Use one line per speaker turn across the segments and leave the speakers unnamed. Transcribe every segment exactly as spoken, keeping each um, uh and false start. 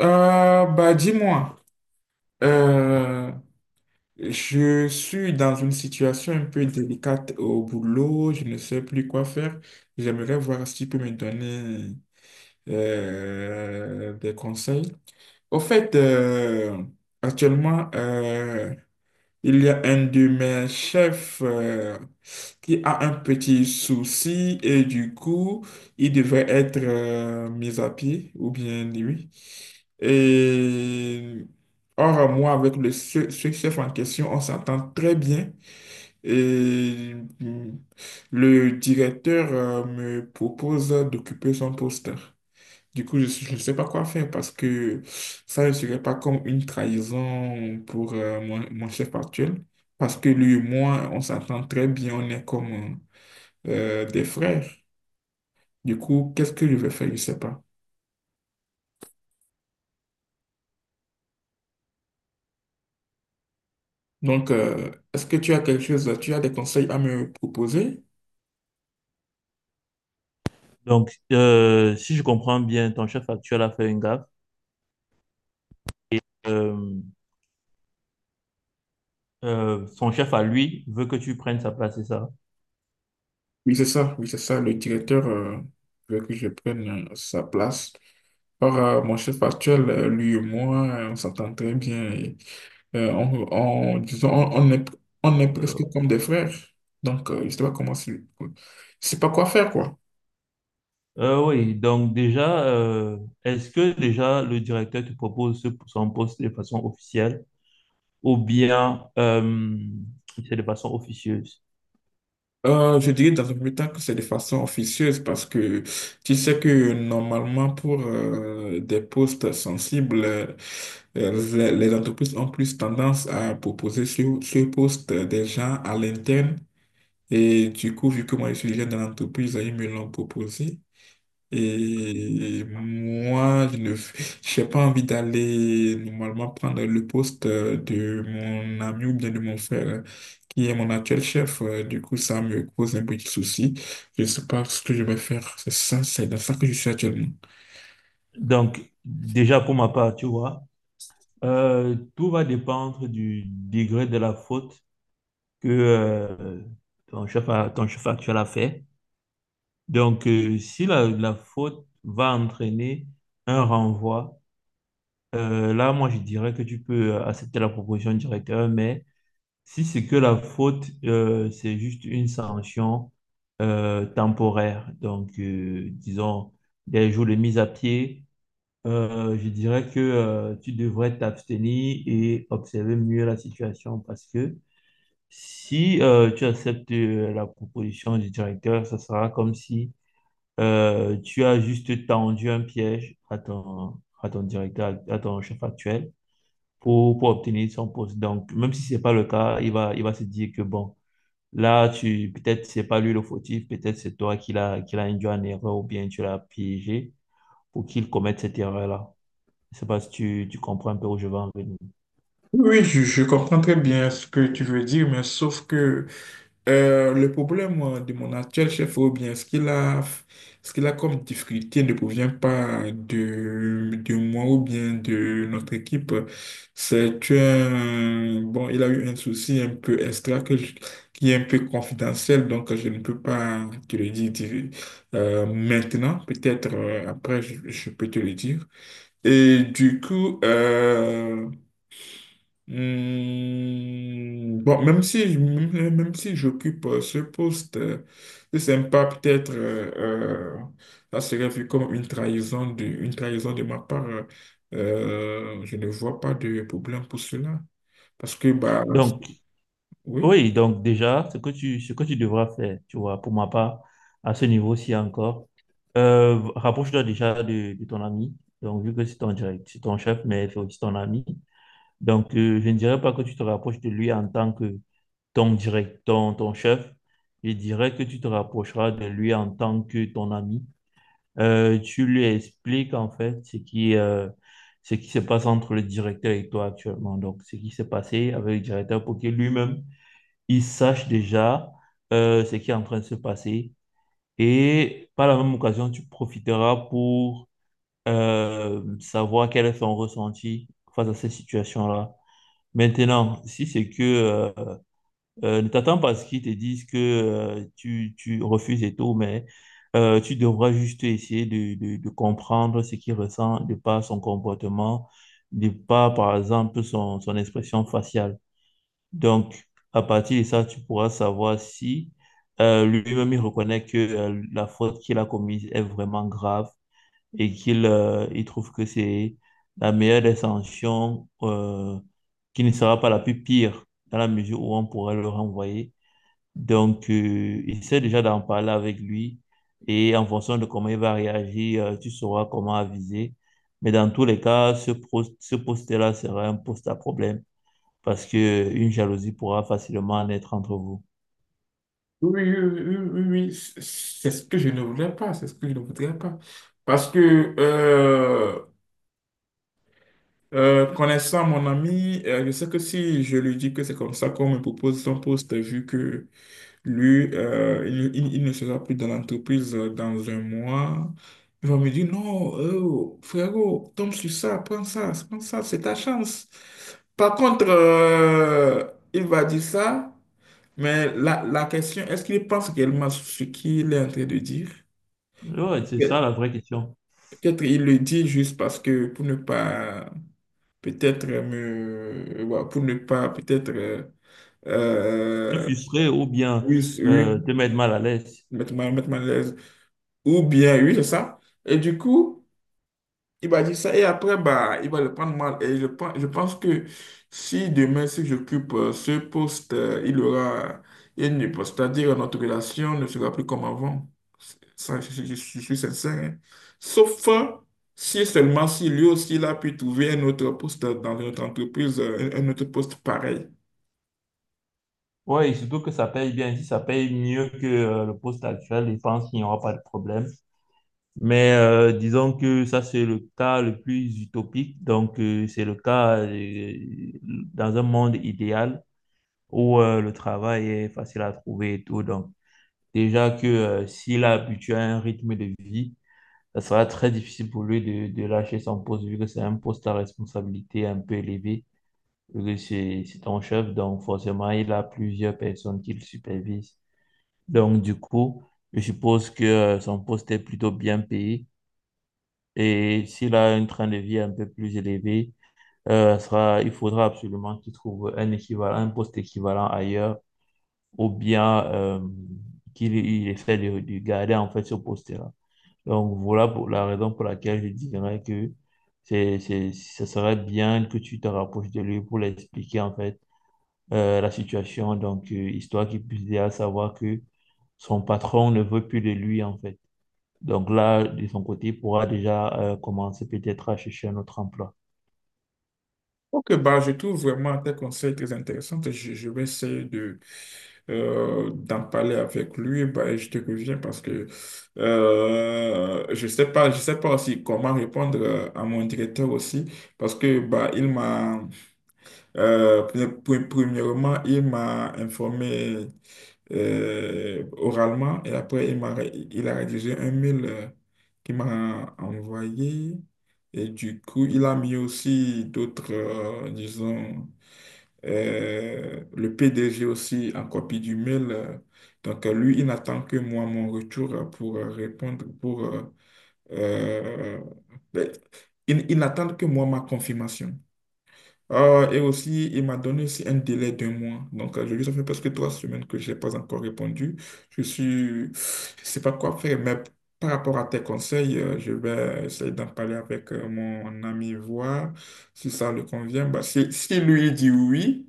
Euh, bah, dis-moi, euh, je suis dans une situation un peu délicate au boulot, je ne sais plus quoi faire. J'aimerais voir si tu peux me donner euh, des conseils. Au fait, euh, actuellement, euh, il y a un de mes chefs euh, qui a un petit souci et du coup, il devrait être euh, mis à pied ou bien lui. Et or, moi, avec le ce, ce chef en question, on s'entend très bien. Et mm, le directeur euh, me propose d'occuper son poste. Du coup, je ne sais pas quoi faire parce que ça ne serait pas comme une trahison pour euh, mon, mon chef actuel. Parce que lui et moi, on s'entend très bien, on est comme euh, des frères. Du coup, qu'est-ce que je vais faire? Je ne sais pas. Donc, euh, est-ce que tu as quelque chose, tu as des conseils à me proposer?
Donc, euh, si je comprends bien, ton chef actuel a fait une gaffe. Euh, euh, Son chef à lui veut que tu prennes sa place, c'est ça?
Oui, c'est ça, oui, c'est ça. Le directeur euh, veut que je prenne euh, sa place. Or, euh, mon chef actuel, euh, lui et moi, euh, on s'entend très bien. et, euh, on, on- disons, on, on est, on est presque
Euh,
comme des frères. Donc, euh, je ne sais pas comment, c'est- je sais pas quoi faire, quoi.
euh, oui, donc déjà, euh, est-ce que déjà le directeur te propose ce- son poste de façon officielle? Ou bien euh, c'est de façon officieuse.
Euh, je dirais dans un premier temps que c'est de façon officieuse parce que tu sais que normalement pour euh, des postes sensibles, euh, les, les entreprises ont plus tendance à proposer sur ce poste des gens à l'interne. Et du coup, vu que moi je suis déjà dans l'entreprise, ils me l'ont proposé. Et moi, je ne, j'ai pas envie d'aller normalement prendre le poste euh, de mon ami ou bien de mon frère, euh, qui est mon actuel chef. Euh, Du coup, ça me cause un petit souci. Je ne sais pas ce que je vais faire. C'est ça, c'est dans ça que je suis actuellement.
Donc, déjà pour ma part, tu vois, euh, tout va dépendre du degré de la faute que euh, ton chef, a- ton chef actuel a fait. Donc, euh, si la, la faute va entraîner un renvoi, euh, là, moi, je dirais que tu peux accepter la proposition du directeur, mais si c'est que la faute, euh, c'est juste une sanction euh, temporaire. Donc, euh, disons, des jours de mise à pied, euh, je dirais que euh, tu devrais t'abstenir et observer mieux la situation parce que si euh, tu acceptes euh, la proposition du directeur, ça sera comme si euh, tu as juste tendu un piège à ton, à ton directeur, à ton chef actuel pour, pour obtenir son poste. Donc, même si ce n'est pas le cas, il va, il va se dire que bon. Là, tu peut-être c'est pas lui le fautif, peut-être c'est toi qui l'as qui l'as induit en erreur ou bien tu l'as piégé pour qu'il commette cette erreur-là. Je sais pas si tu, tu comprends un peu où je veux en venir.
Oui, je, je comprends très bien ce que tu veux dire, mais sauf que Euh, le problème euh, de mon actuel chef, ou bien ce qu'il a, ce qu'il a comme difficulté ne provient pas de, de moi ou bien de notre équipe. C'est un, bon, il a eu un souci un peu extra que je- qui est un peu confidentiel, donc je ne peux pas te le dire dire, euh, maintenant. Peut-être euh, après, je, je peux te le dire. Et du coup, euh, Hmm, bon, même si, je- même même si j'occupe euh, ce poste, euh, c'est sympa, peut-être, euh, euh, ça serait vu comme une trahison de, une trahison de ma part. Euh, euh, je ne vois pas de problème pour cela. Parce que, bah,
Donc,
oui,
oui, donc déjà, ce que tu, ce que tu devras faire, tu vois, pour ma part, à ce niveau-ci encore, euh, rapproche-toi déjà de, de ton ami. Donc, vu que c'est ton direct, c'est ton chef, mais c'est aussi ton ami. Donc, euh, je ne dirais pas que tu te rapproches de lui en tant que ton direct, ton, ton chef. Je dirais que tu te rapprocheras de lui en tant que ton ami. Euh, tu lui expliques en fait ce qui, euh, ce qui se passe entre le directeur et toi actuellement. Donc, ce qui s'est passé avec le directeur pour que lui-même, il sache déjà euh, ce qui est en train de se passer. Et par la même occasion, tu profiteras pour euh, savoir quel est son ressenti face à cette situation-là. Maintenant, si c'est que euh, euh, ne t'attends pas à ce qu'ils te disent que euh, tu, tu refuses et tout, mais euh, tu devras juste essayer de, de, de comprendre ce qu'il ressent de par son comportement, de par, par exemple, son, son expression faciale. Donc, à partir de ça, tu pourras savoir si euh, lui-même il reconnaît que euh, la faute qu'il a commise est vraiment grave et qu'il euh, il trouve que c'est la meilleure des sanctions euh, qui ne sera pas la plus pire dans la mesure où on pourrait le renvoyer. Donc, euh, essaie déjà d'en parler avec lui et en fonction de comment il va réagir, euh, tu sauras comment aviser. Mais dans tous les cas, ce, pro- ce poste-là sera un poste à problème parce que euh, une jalousie pourra facilement naître entre vous.
oui, oui, oui, oui, oui, c'est c'est ce que je ne voudrais pas, c'est ce que je ne voudrais pas. Parce que, euh, euh, connaissant mon ami, euh, je sais que si je lui dis que c'est comme ça qu'on me propose son poste, vu que lui, euh, il, il- il ne sera plus dans l'entreprise euh, dans un mois. Il va me dire, non, euh, frérot, tombe sur ça, prends ça, prends ça, c'est ta chance. Par contre, euh, il va dire ça, mais la, la question, est-ce qu'il pense réellement ce qu'il est en train de dire?
Ouais, c'est ça
Pe-
la vraie question.
Peut-être il le dit juste parce que pour ne pas, peut-être me, ouais, pour ne pas, peut-être, euh,
Te
euh,
frustrer ou bien
oui, oui,
euh, te mettre mal à l'aise.
mettre mal, mettre mal à l'aise. Ou bien, oui, c'est ça. Et du coup, il m'a dit ça. Et après, bah, il va le prendre mal. Et je pense, je pense que si demain, si j'occupe euh, ce poste, euh, il aura une poste. C'est-à-dire, euh, notre relation ne sera plus comme avant. C'est- Ça, je, je- je suis je suis sincère, hein. Sauf euh, si et seulement si lui aussi, il a pu trouver un autre poste dans notre entreprise, euh, un un autre poste pareil.
Ouais, et surtout que ça paye bien. Si ça paye mieux que euh, le poste actuel, je pense qu'il n'y aura pas de problème. Mais euh, disons que ça, c'est le cas le plus utopique. Donc, euh, c'est le cas euh, dans un monde idéal où euh, le travail est facile à trouver et tout. Donc, déjà que euh, s'il a habitué à un rythme de vie, ça sera très difficile pour lui de, de lâcher son poste, vu que c'est un poste à responsabilité un peu élevée, vu que c'est c'est ton chef. Donc, forcément, il a plusieurs personnes qui le supervisent. Donc, du coup, je suppose que euh, son poste est plutôt bien payé. Et s'il a un train de vie un peu plus élevé, euh, sera, il faudra absolument qu'il trouve un équivalent, un poste équivalent ailleurs, ou bien euh, qu'il il essaie de, de garder en fait ce poste-là. Donc, voilà pour la raison pour laquelle je dirais que c'est, c'est, ce serait bien que tu te rapproches de lui pour lui expliquer en fait euh, la situation, donc euh, histoire qu'il puisse déjà savoir que son patron ne veut plus de lui en fait. Donc là, de son côté, il pourra déjà euh, commencer peut-être à chercher un autre emploi.
Ok, bah, je trouve vraiment tes conseils très intéressants. Je, je vais essayer de, euh, d'en parler avec lui. Bah, et je te reviens parce que euh, je sais pas, je sais pas aussi comment répondre euh, à mon directeur aussi. Parce que bah, il m'a, euh, pre- pre- premièrement, il m'a informé euh, oralement et après il m'a, il a rédigé un mail euh, qu'il m'a envoyé et du coup il a mis aussi d'autres, euh, disons, euh, le P D G aussi en copie du mail. euh. donc euh, lui, il n'attend que moi mon retour euh, pour euh, répondre, pour... euh, euh, ben, il, il n'attend que moi ma confirmation. Ah, et aussi, il m'a donné aussi un délai d'un mois. Donc, euh, je- ça fait presque trois semaines que je n'ai pas encore répondu. Je suis, je sais pas quoi faire, mais par rapport à tes conseils, euh, je vais essayer d'en parler avec euh, mon ami, voir si ça lui convient. Bah, si, si lui dit oui,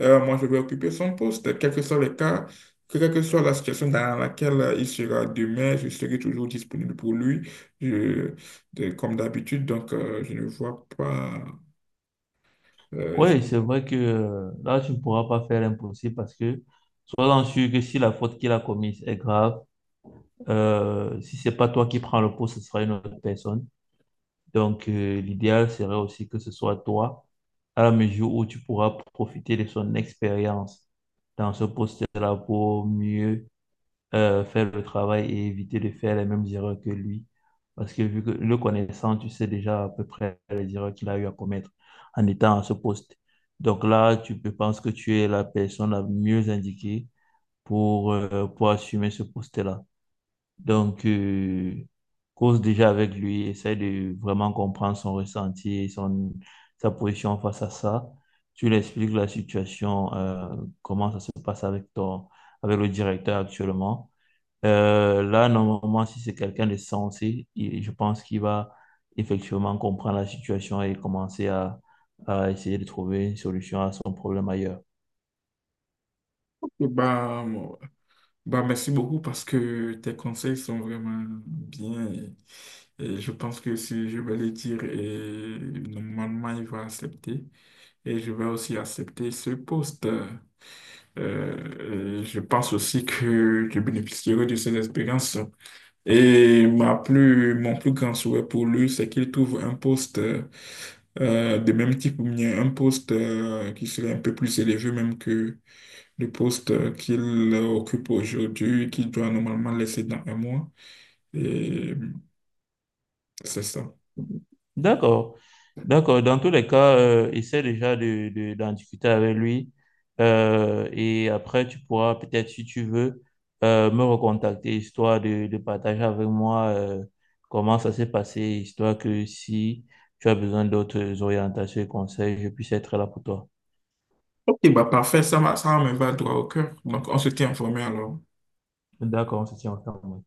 euh, moi, je vais occuper son poste. Quel que soit le cas, quelle que soit la situation dans laquelle euh, il sera demain, je serai toujours disponible pour lui, Je- de- comme d'habitude. Donc, euh, je ne vois pas. euh,
Oui, c'est vrai que euh, là, tu ne pourras pas faire l'impossible parce que sois-en sûr que si la faute qu'il a commise est grave, euh, si c'est pas toi qui prends le poste ce sera une autre personne. Donc euh, l'idéal serait aussi que ce soit toi, à la mesure où tu pourras profiter de son expérience dans ce poste-là pour mieux euh, faire le travail et éviter de faire les mêmes erreurs que lui. Parce que vu que le connaissant, tu sais déjà à peu près les erreurs qu'il a eu à commettre en étant à ce poste. Donc là, tu peux penser que tu es la personne la mieux indiquée pour, euh, pour assumer ce poste-là. Donc, euh, cause déjà avec lui, essaie de vraiment comprendre son ressenti et son, sa position face à ça. Tu lui expliques la situation, euh, comment ça se passe avec ton, avec le directeur actuellement. Euh, là, normalement, si c'est quelqu'un de sensé, il- je pense qu'il va effectivement comprendre la situation et commencer à, à essayer de trouver une solution à son problème ailleurs.
Bah, moi- Bah, merci beaucoup parce que tes conseils sont vraiment bien et, et je pense que si je vais les dire, et normalement il va accepter et je vais aussi accepter ce poste. Euh, et je pense aussi que je bénéficierai de ces expériences. Et ma plus, mon plus grand souhait pour lui, c'est qu'il trouve un poste euh, de même type ou bien un poste euh, qui serait un peu plus élevé même que le poste qu'il occupe aujourd'hui, qu'il doit normalement laisser dans un mois. Et c'est ça.
D'accord. D'accord. Dans tous les cas, euh, essaie déjà de, de- d'en discuter avec lui. Euh, et après, tu pourras peut-être, si tu veux, euh, me recontacter, histoire de, de partager avec moi euh, comment ça s'est passé, histoire que si tu as besoin d'autres orientations et conseils, je puisse être là pour toi.
Ok, bah parfait, ça va, ça me va droit au cœur. Donc, on se tient informé alors.
D'accord, on se tient informé.